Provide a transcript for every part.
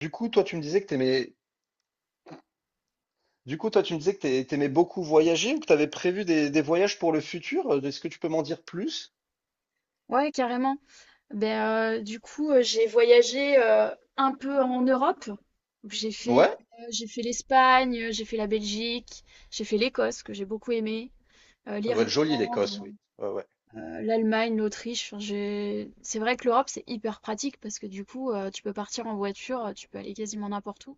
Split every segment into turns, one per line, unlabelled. Du coup, toi, tu me disais que t'aimais, du coup, toi, tu me disais que t'ai- t'aimais beaucoup voyager ou que t'avais prévu des voyages pour le futur. Est-ce que tu peux m'en dire plus?
Ouais, carrément. J'ai voyagé un peu en Europe.
Ouais,
J'ai fait l'Espagne, j'ai fait la Belgique, j'ai fait l'Écosse, que j'ai beaucoup aimé,
ça doit être joli, l'Écosse,
l'Irlande,
oui. Ouais, ouais.
l'Allemagne, l'Autriche. C'est vrai que l'Europe, c'est hyper pratique parce que tu peux partir en voiture, tu peux aller quasiment n'importe où.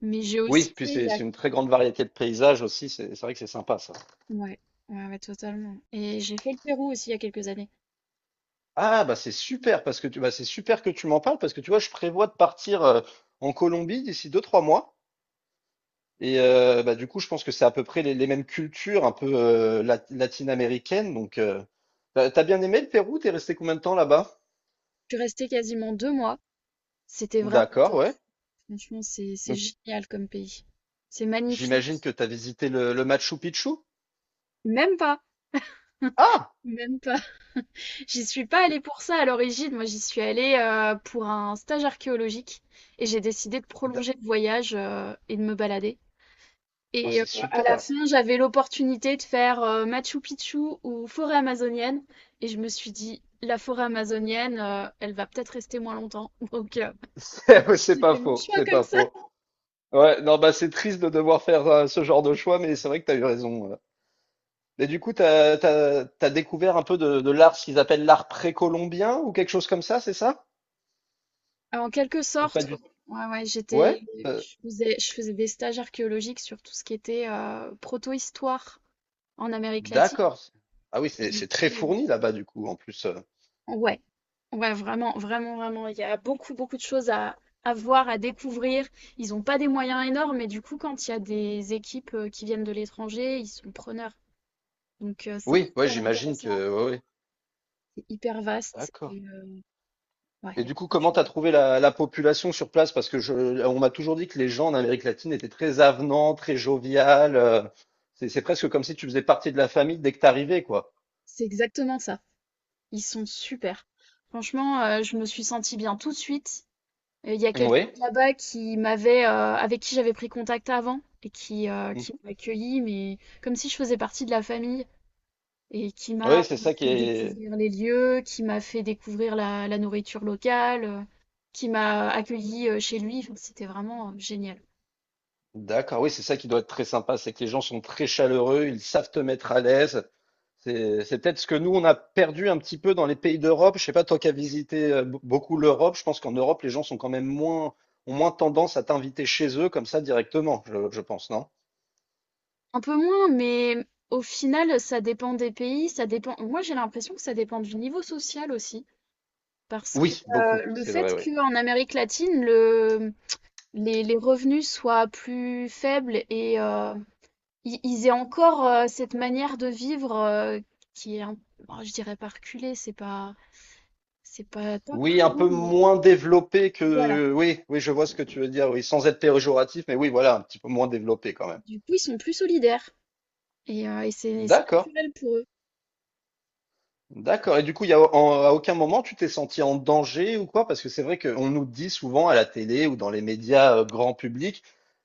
Mais j'ai aussi
Oui, puis
fait il
c'est
y a...
c'est une très grande variété de paysages aussi. C'est vrai que c'est sympa, ça.
Ouais, ouais, ouais, totalement. Et j'ai fait le Pérou aussi il y a quelques années.
Ah, bah, c'est super que tu m'en parles parce que tu vois, je prévois de partir en Colombie d'ici deux, trois mois. Et bah, du coup, je pense que c'est à peu près les mêmes cultures un peu latine-américaines. Donc, t'as bien aimé le Pérou? T'es resté combien de temps là-bas?
Je suis restée quasiment deux mois. C'était vraiment
D'accord,
top.
ouais.
Franchement, c'est génial comme pays. C'est magnifique.
J'imagine que tu as visité le Machu Picchu?
Même pas.
Ah!
Même pas. J'y suis pas
C'est
allée pour ça à l'origine. Moi, j'y suis allée pour un stage archéologique et j'ai décidé de prolonger le voyage et de me balader.
oh,
Et euh,
c'est
à la
super!
fin, j'avais l'opportunité de faire Machu Picchu ou forêt amazonienne et je me suis dit, la forêt amazonienne, elle va peut-être rester moins longtemps. Donc,
C'est
j'ai
pas
fait mon
faux,
choix
c'est
comme
pas
ça.
faux. Ouais, non, bah c'est triste de devoir faire ce genre de choix, mais c'est vrai que t'as eu raison. Mais du coup, t'as découvert un peu de l'art, ce qu'ils appellent l'art précolombien ou quelque chose comme ça, c'est ça?
En quelque
Ou pas
sorte, ouais,
du...
ouais, ouais,
Ouais? euh,
je faisais des stages archéologiques sur tout ce qui était proto-histoire en Amérique latine.
d'accord. Ah oui,
Et
c'est
du
c'est très
coup,
fourni là-bas du coup, en plus.
euh, ouais, ouais, vraiment, vraiment, vraiment, il y a beaucoup, beaucoup de choses à voir, à découvrir. Ils n'ont pas des moyens énormes, mais du coup, quand il y a des équipes qui viennent de l'étranger, ils sont preneurs. Donc, c'est
Oui, ouais,
hyper
j'imagine
intéressant,
que. Ouais, ouais.
c'est hyper vaste.
D'accord.
Et ouais, il
Et
y a
du coup,
beaucoup de
comment
choses.
t'as trouvé la population sur place? On m'a toujours dit que les gens en Amérique latine étaient très avenants, très joviales. C'est presque comme si tu faisais partie de la famille dès que t'arrivais, quoi.
C'est exactement ça. Ils sont super. Franchement, je me suis sentie bien tout de suite. Et il y a quelqu'un
Oui.
de là-bas qui m'avait, avec qui j'avais pris contact avant et qui
Mhm.
m'a accueilli, mais comme si je faisais partie de la famille et qui m'a
Oui, c'est ça qui
fait
est.
découvrir les lieux, qui m'a fait découvrir la, la nourriture locale, qui m'a accueilli chez lui. Enfin, c'était vraiment génial.
D'accord, oui, c'est ça qui doit être très sympa, c'est que les gens sont très chaleureux, ils savent te mettre à l'aise. C'est peut-être ce que nous, on a perdu un petit peu dans les pays d'Europe. Je sais pas, toi qui as visité beaucoup l'Europe, je pense qu'en Europe, les gens sont quand même moins, ont moins tendance à t'inviter chez eux comme ça directement, je pense, non?
Un peu moins, mais au final, ça dépend des pays, ça dépend. Moi, j'ai l'impression que ça dépend du niveau social aussi, parce que
Oui, beaucoup,
euh, le
c'est vrai,
fait
oui.
qu'en Amérique latine, le les revenus soient plus faibles et ils aient encore cette manière de vivre qui est, bon, je dirais pas reculée, c'est pas top
Oui,
comme
un
mot,
peu
mais
moins développé
voilà.
que. Oui, oui, je vois ce que tu veux dire, oui, sans être péjoratif, mais oui, voilà, un petit peu moins développé quand même.
Du coup, ils sont plus solidaires et et c'est
D'accord,
naturel pour eux.
d'accord. Et du coup, il y a, en- à aucun moment tu t'es senti en danger ou quoi? Parce que c'est vrai qu'on nous dit souvent à la télé ou dans les médias grand public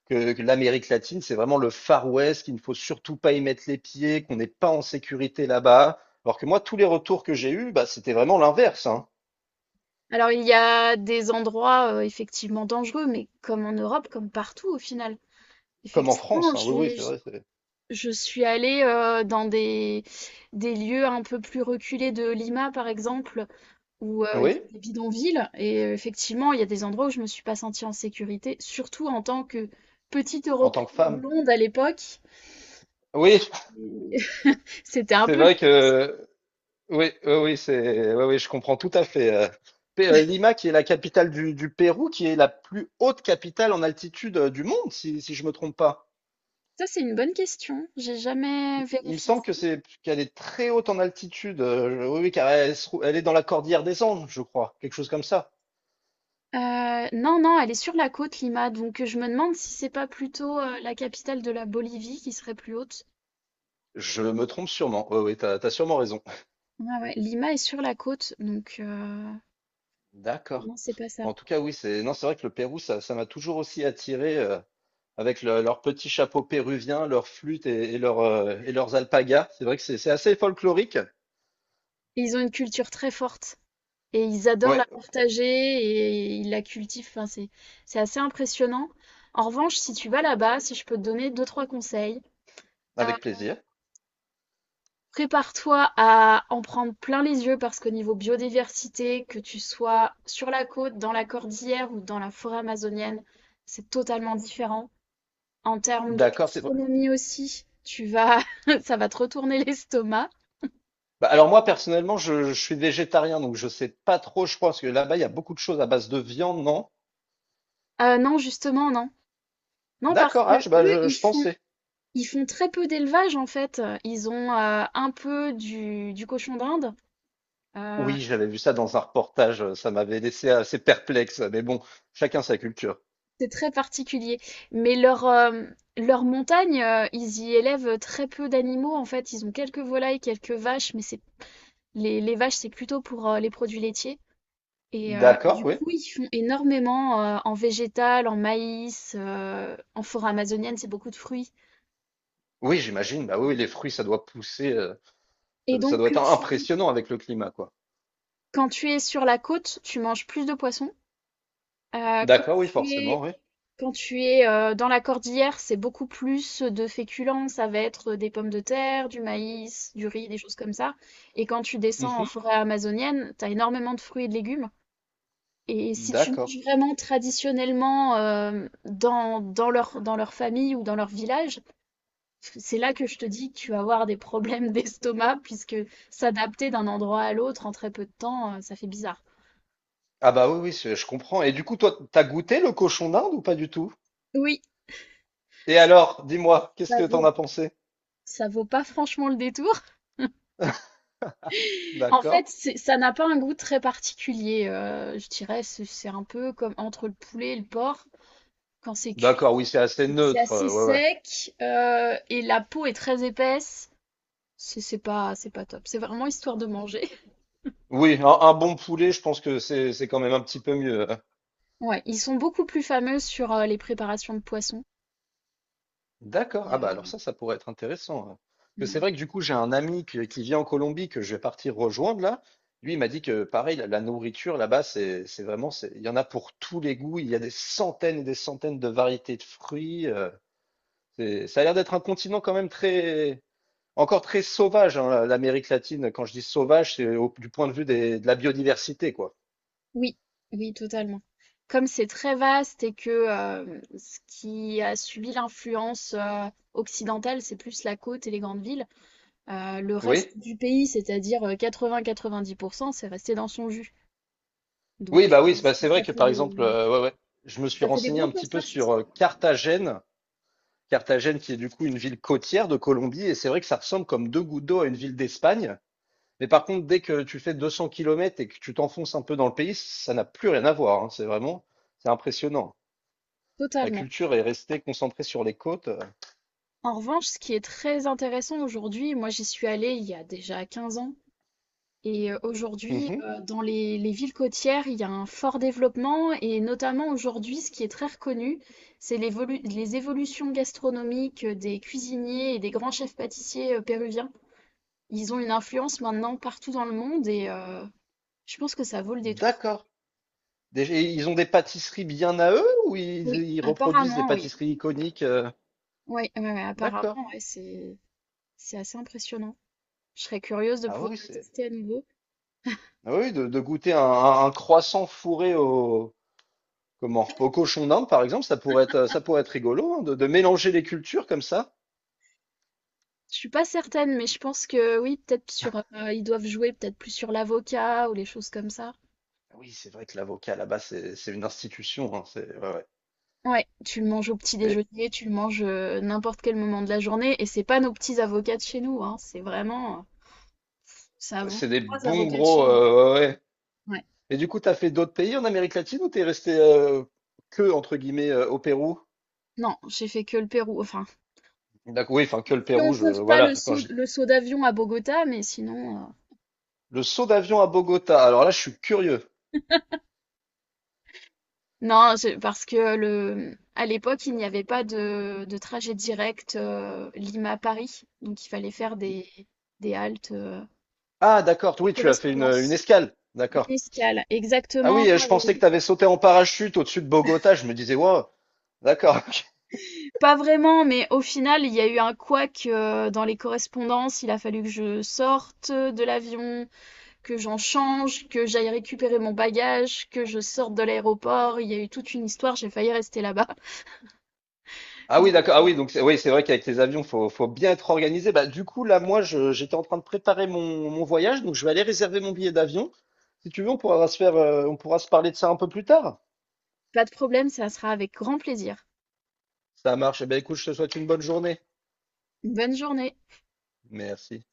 que l'Amérique latine, c'est vraiment le Far West, qu'il ne faut surtout pas y mettre les pieds, qu'on n'est pas en sécurité là-bas. Alors que moi, tous les retours que j'ai eus, bah, c'était vraiment l'inverse, hein.
Alors, il y a des endroits effectivement dangereux, mais comme en Europe, comme partout au final.
Comme en
Effectivement,
France, hein. Oui, oui, c'est vrai. C'est-
je suis allée dans des lieux un peu plus reculés de Lima, par exemple où il y
Oui,
a des bidonvilles. Effectivement, il y a des endroits où je me suis pas sentie en sécurité, surtout en tant que petite
en tant
Européenne
que femme.
blonde à l'époque.
Oui,
C'était un
c'est
peu...
vrai que oui, oui, oui, c'est oui, oui, je comprends tout à fait. Lima, qui est la capitale du Pérou, qui est la plus haute capitale en altitude du monde, si je me trompe pas.
Ça, c'est une bonne question. J'ai jamais
Il me
vérifié
semble
ça.
que c'est qu'elle est très haute en altitude. Oui, oui, car elle est dans la cordillère des Andes, je crois, quelque chose comme ça.
Non, non, elle est sur la côte, Lima. Donc, je me demande si c'est pas plutôt la capitale de la Bolivie qui serait plus haute.
Je me trompe sûrement. Oui, oui, t'as sûrement raison.
Ah ouais, Lima est sur la côte, donc
D'accord.
non, c'est pas ça.
En tout cas, oui, c'est non, c'est vrai que le Pérou, ça m'a toujours aussi attiré. Avec leur petit chapeau péruvien, leur flûte et et leurs alpagas. C'est vrai que c'est assez folklorique.
Et ils ont une culture très forte. Et ils adorent
Ouais,
la partager et ils la cultivent. Enfin, c'est assez impressionnant. En revanche, si tu vas là-bas, si je peux te donner deux, trois conseils, euh,
avec plaisir.
prépare-toi à en prendre plein les yeux parce qu'au niveau biodiversité, que tu sois sur la côte, dans la cordillère ou dans la forêt amazonienne, c'est totalement différent. En termes de
D'accord, c'est
gastronomie aussi, ça va te retourner l'estomac.
bah, alors moi personnellement, je suis végétarien, donc je sais pas trop, je pense que là-bas, il y a beaucoup de choses à base de viande, non?
Non, justement, non. Non, parce
D'accord,
que
ah,
eux, ils
je
font
pensais.
Ils font très peu d'élevage en fait. Ils ont un peu du cochon d'Inde, heu,
Oui, j'avais vu ça dans un reportage, ça m'avait laissé assez perplexe, mais bon, chacun sa culture.
c'est très particulier. Mais leur montagne, ils y élèvent très peu d'animaux en fait. Ils ont quelques volailles, quelques vaches, mais c'est les vaches, c'est plutôt pour les produits laitiers et
D'accord,
du
oui.
coup, ils font énormément en végétal, en maïs, en forêt amazonienne, c'est beaucoup de fruits
Oui, j'imagine, bah oui, les fruits, ça doit pousser,
et
ça
donc
doit
que
être
tu
impressionnant avec le climat, quoi.
quand tu es sur la côte, tu manges plus de poissons. Euh, quand
D'accord, oui,
tu es,
forcément, oui.
Quand tu es dans la cordillère, c'est beaucoup plus de féculents. Ça va être des pommes de terre, du maïs, du riz, des choses comme ça. Et quand tu descends en
Mhm.
forêt amazonienne, t'as énormément de fruits et de légumes. Et si tu
D'accord.
manges vraiment traditionnellement dans, dans leur famille ou dans leur village, c'est là que je te dis que tu vas avoir des problèmes d'estomac, puisque s'adapter d'un endroit à l'autre en très peu de temps, ça fait bizarre.
Ah bah oui, oui, je comprends. Et du coup, toi, t'as goûté le cochon d'Inde ou pas du tout?
Oui,
Et alors, dis-moi,
ça
qu'est-ce que t'en
vaut,
as pensé?
ça vaut pas franchement le détour. En
D'accord.
fait, ça n'a pas un goût très particulier. Je dirais, c'est un peu comme entre le poulet et le porc. Quand c'est cuit,
D'accord, oui, c'est assez
c'est
neutre.
assez
euh, Ouais, ouais.
sec euh, et la peau est très épaisse. C'est pas top. C'est vraiment histoire de manger.
Oui, un bon poulet, je pense que c'est quand même un petit peu mieux. Hein.
Ouais, ils sont beaucoup plus fameux sur les préparations de poissons.
D'accord.
Il
Ah bah alors ça pourrait être intéressant. Hein.
euh,
Parce que c'est vrai que du coup, j'ai un ami qui vit en Colombie que je vais partir rejoindre là. Lui, il m'a dit que pareil, la nourriture là-bas, c'est vraiment, c'est, il y en a pour tous les goûts. Il y a des centaines et des centaines de variétés de fruits. Ça a l'air d'être un continent quand même très, encore très sauvage, hein, l'Amérique latine. Quand je dis sauvage, c'est du point de vue de la biodiversité, quoi.
Oui, oui, totalement. Comme c'est très vaste et que ce qui a subi l'influence occidentale, c'est plus la côte et les grandes villes. Le
Oui?
reste du pays, c'est-à-dire 80-90%, c'est resté dans son jus.
Oui,
Donc,
bah
euh,
oui, c'est vrai
ça
que
fait
par
des,
exemple, je me suis
ça fait des
renseigné
gros
un petit peu
contrastes.
sur Carthagène. Carthagène qui est du coup une ville côtière de Colombie, et c'est vrai que ça ressemble comme deux gouttes d'eau à une ville d'Espagne. Mais par contre, dès que tu fais 200 km et que tu t'enfonces un peu dans le pays, ça n'a plus rien à voir. Hein. C'est vraiment, c'est impressionnant. La
Totalement.
culture est restée concentrée sur les côtes.
En revanche, ce qui est très intéressant aujourd'hui, moi j'y suis allée il y a déjà 15 ans, et aujourd'hui,
Mhm.
dans les villes côtières, il y a un fort développement, et notamment aujourd'hui, ce qui est très reconnu, c'est les évolutions gastronomiques des cuisiniers et des grands chefs pâtissiers péruviens. Ils ont une influence maintenant partout dans le monde, et je pense que ça vaut le détour.
D'accord. Déjà, ils ont des pâtisseries bien à eux ou
Oui,
ils reproduisent des
apparemment, oui.
pâtisseries iconiques?
Ouais, ouais, ouais,
D'accord.
apparemment, ouais, c'est assez impressionnant. Je serais curieuse de
Ah
pouvoir
oui,
le
c'est.
tester à nouveau.
Ah oui, de goûter un croissant fourré comment, au cochon d'Inde, par exemple, ça pourrait être rigolo, hein, de mélanger les cultures comme ça.
Je suis pas certaine, mais je pense que oui, peut-être sur ils doivent jouer peut-être plus sur l'avocat ou les choses comme ça.
Ah Oui, c'est vrai que l'avocat là-bas, c'est une institution. Hein, c'est, ouais, ouais.
Ouais, tu le manges au petit
C'est
déjeuner, tu le manges n'importe quel moment de la journée, et c'est pas nos petits avocats de chez nous, hein, c'est vraiment, ça vaut
c'est des
trois
bons
avocats de
gros.
chez nous.
euh, Ouais, ouais.
Ouais.
Et du coup, t'as fait d'autres pays en Amérique latine ou t'es resté que, entre guillemets, au Pérou?
Non, j'ai fait que le Pérou. Enfin,
D'accord, oui, enfin, que le
si
Pérou,
on compte pas
voilà. Quand
le saut d'avion à Bogota, mais sinon.
Le saut d'avion à Bogota. Alors là, je suis curieux.
Non, parce que le, à l'époque, il n'y avait pas de, de trajet direct Lima-Paris. Donc, il fallait faire des haltes,
Ah, d'accord.
des
Oui, tu as fait une
correspondances,
escale. D'accord.
une escale.
Ah oui,
Exactement.
je pensais que
et-
tu avais sauté en parachute au-dessus de Bogota. Je me disais, wow. D'accord. Ok.
Pas vraiment, mais au final, il y a eu un couac dans les correspondances. Il a fallu que je sorte de l'avion, que j'en change, que j'aille récupérer mon bagage, que je sorte de l'aéroport. Il y a eu toute une histoire. J'ai failli rester là-bas.
Ah oui,
Donc,
d'accord. Ah oui, donc c'est- oui, c'est vrai qu'avec les avions, faut bien être organisé. Bah, du coup, là, moi, j'étais en train de préparer mon voyage, donc je vais aller réserver mon billet d'avion. Si tu veux, on pourra on pourra se parler de ça un peu plus tard.
pas de problème, ça sera avec grand plaisir.
Ça marche. Eh bien, écoute, je te souhaite une bonne journée.
Bonne journée.
Merci.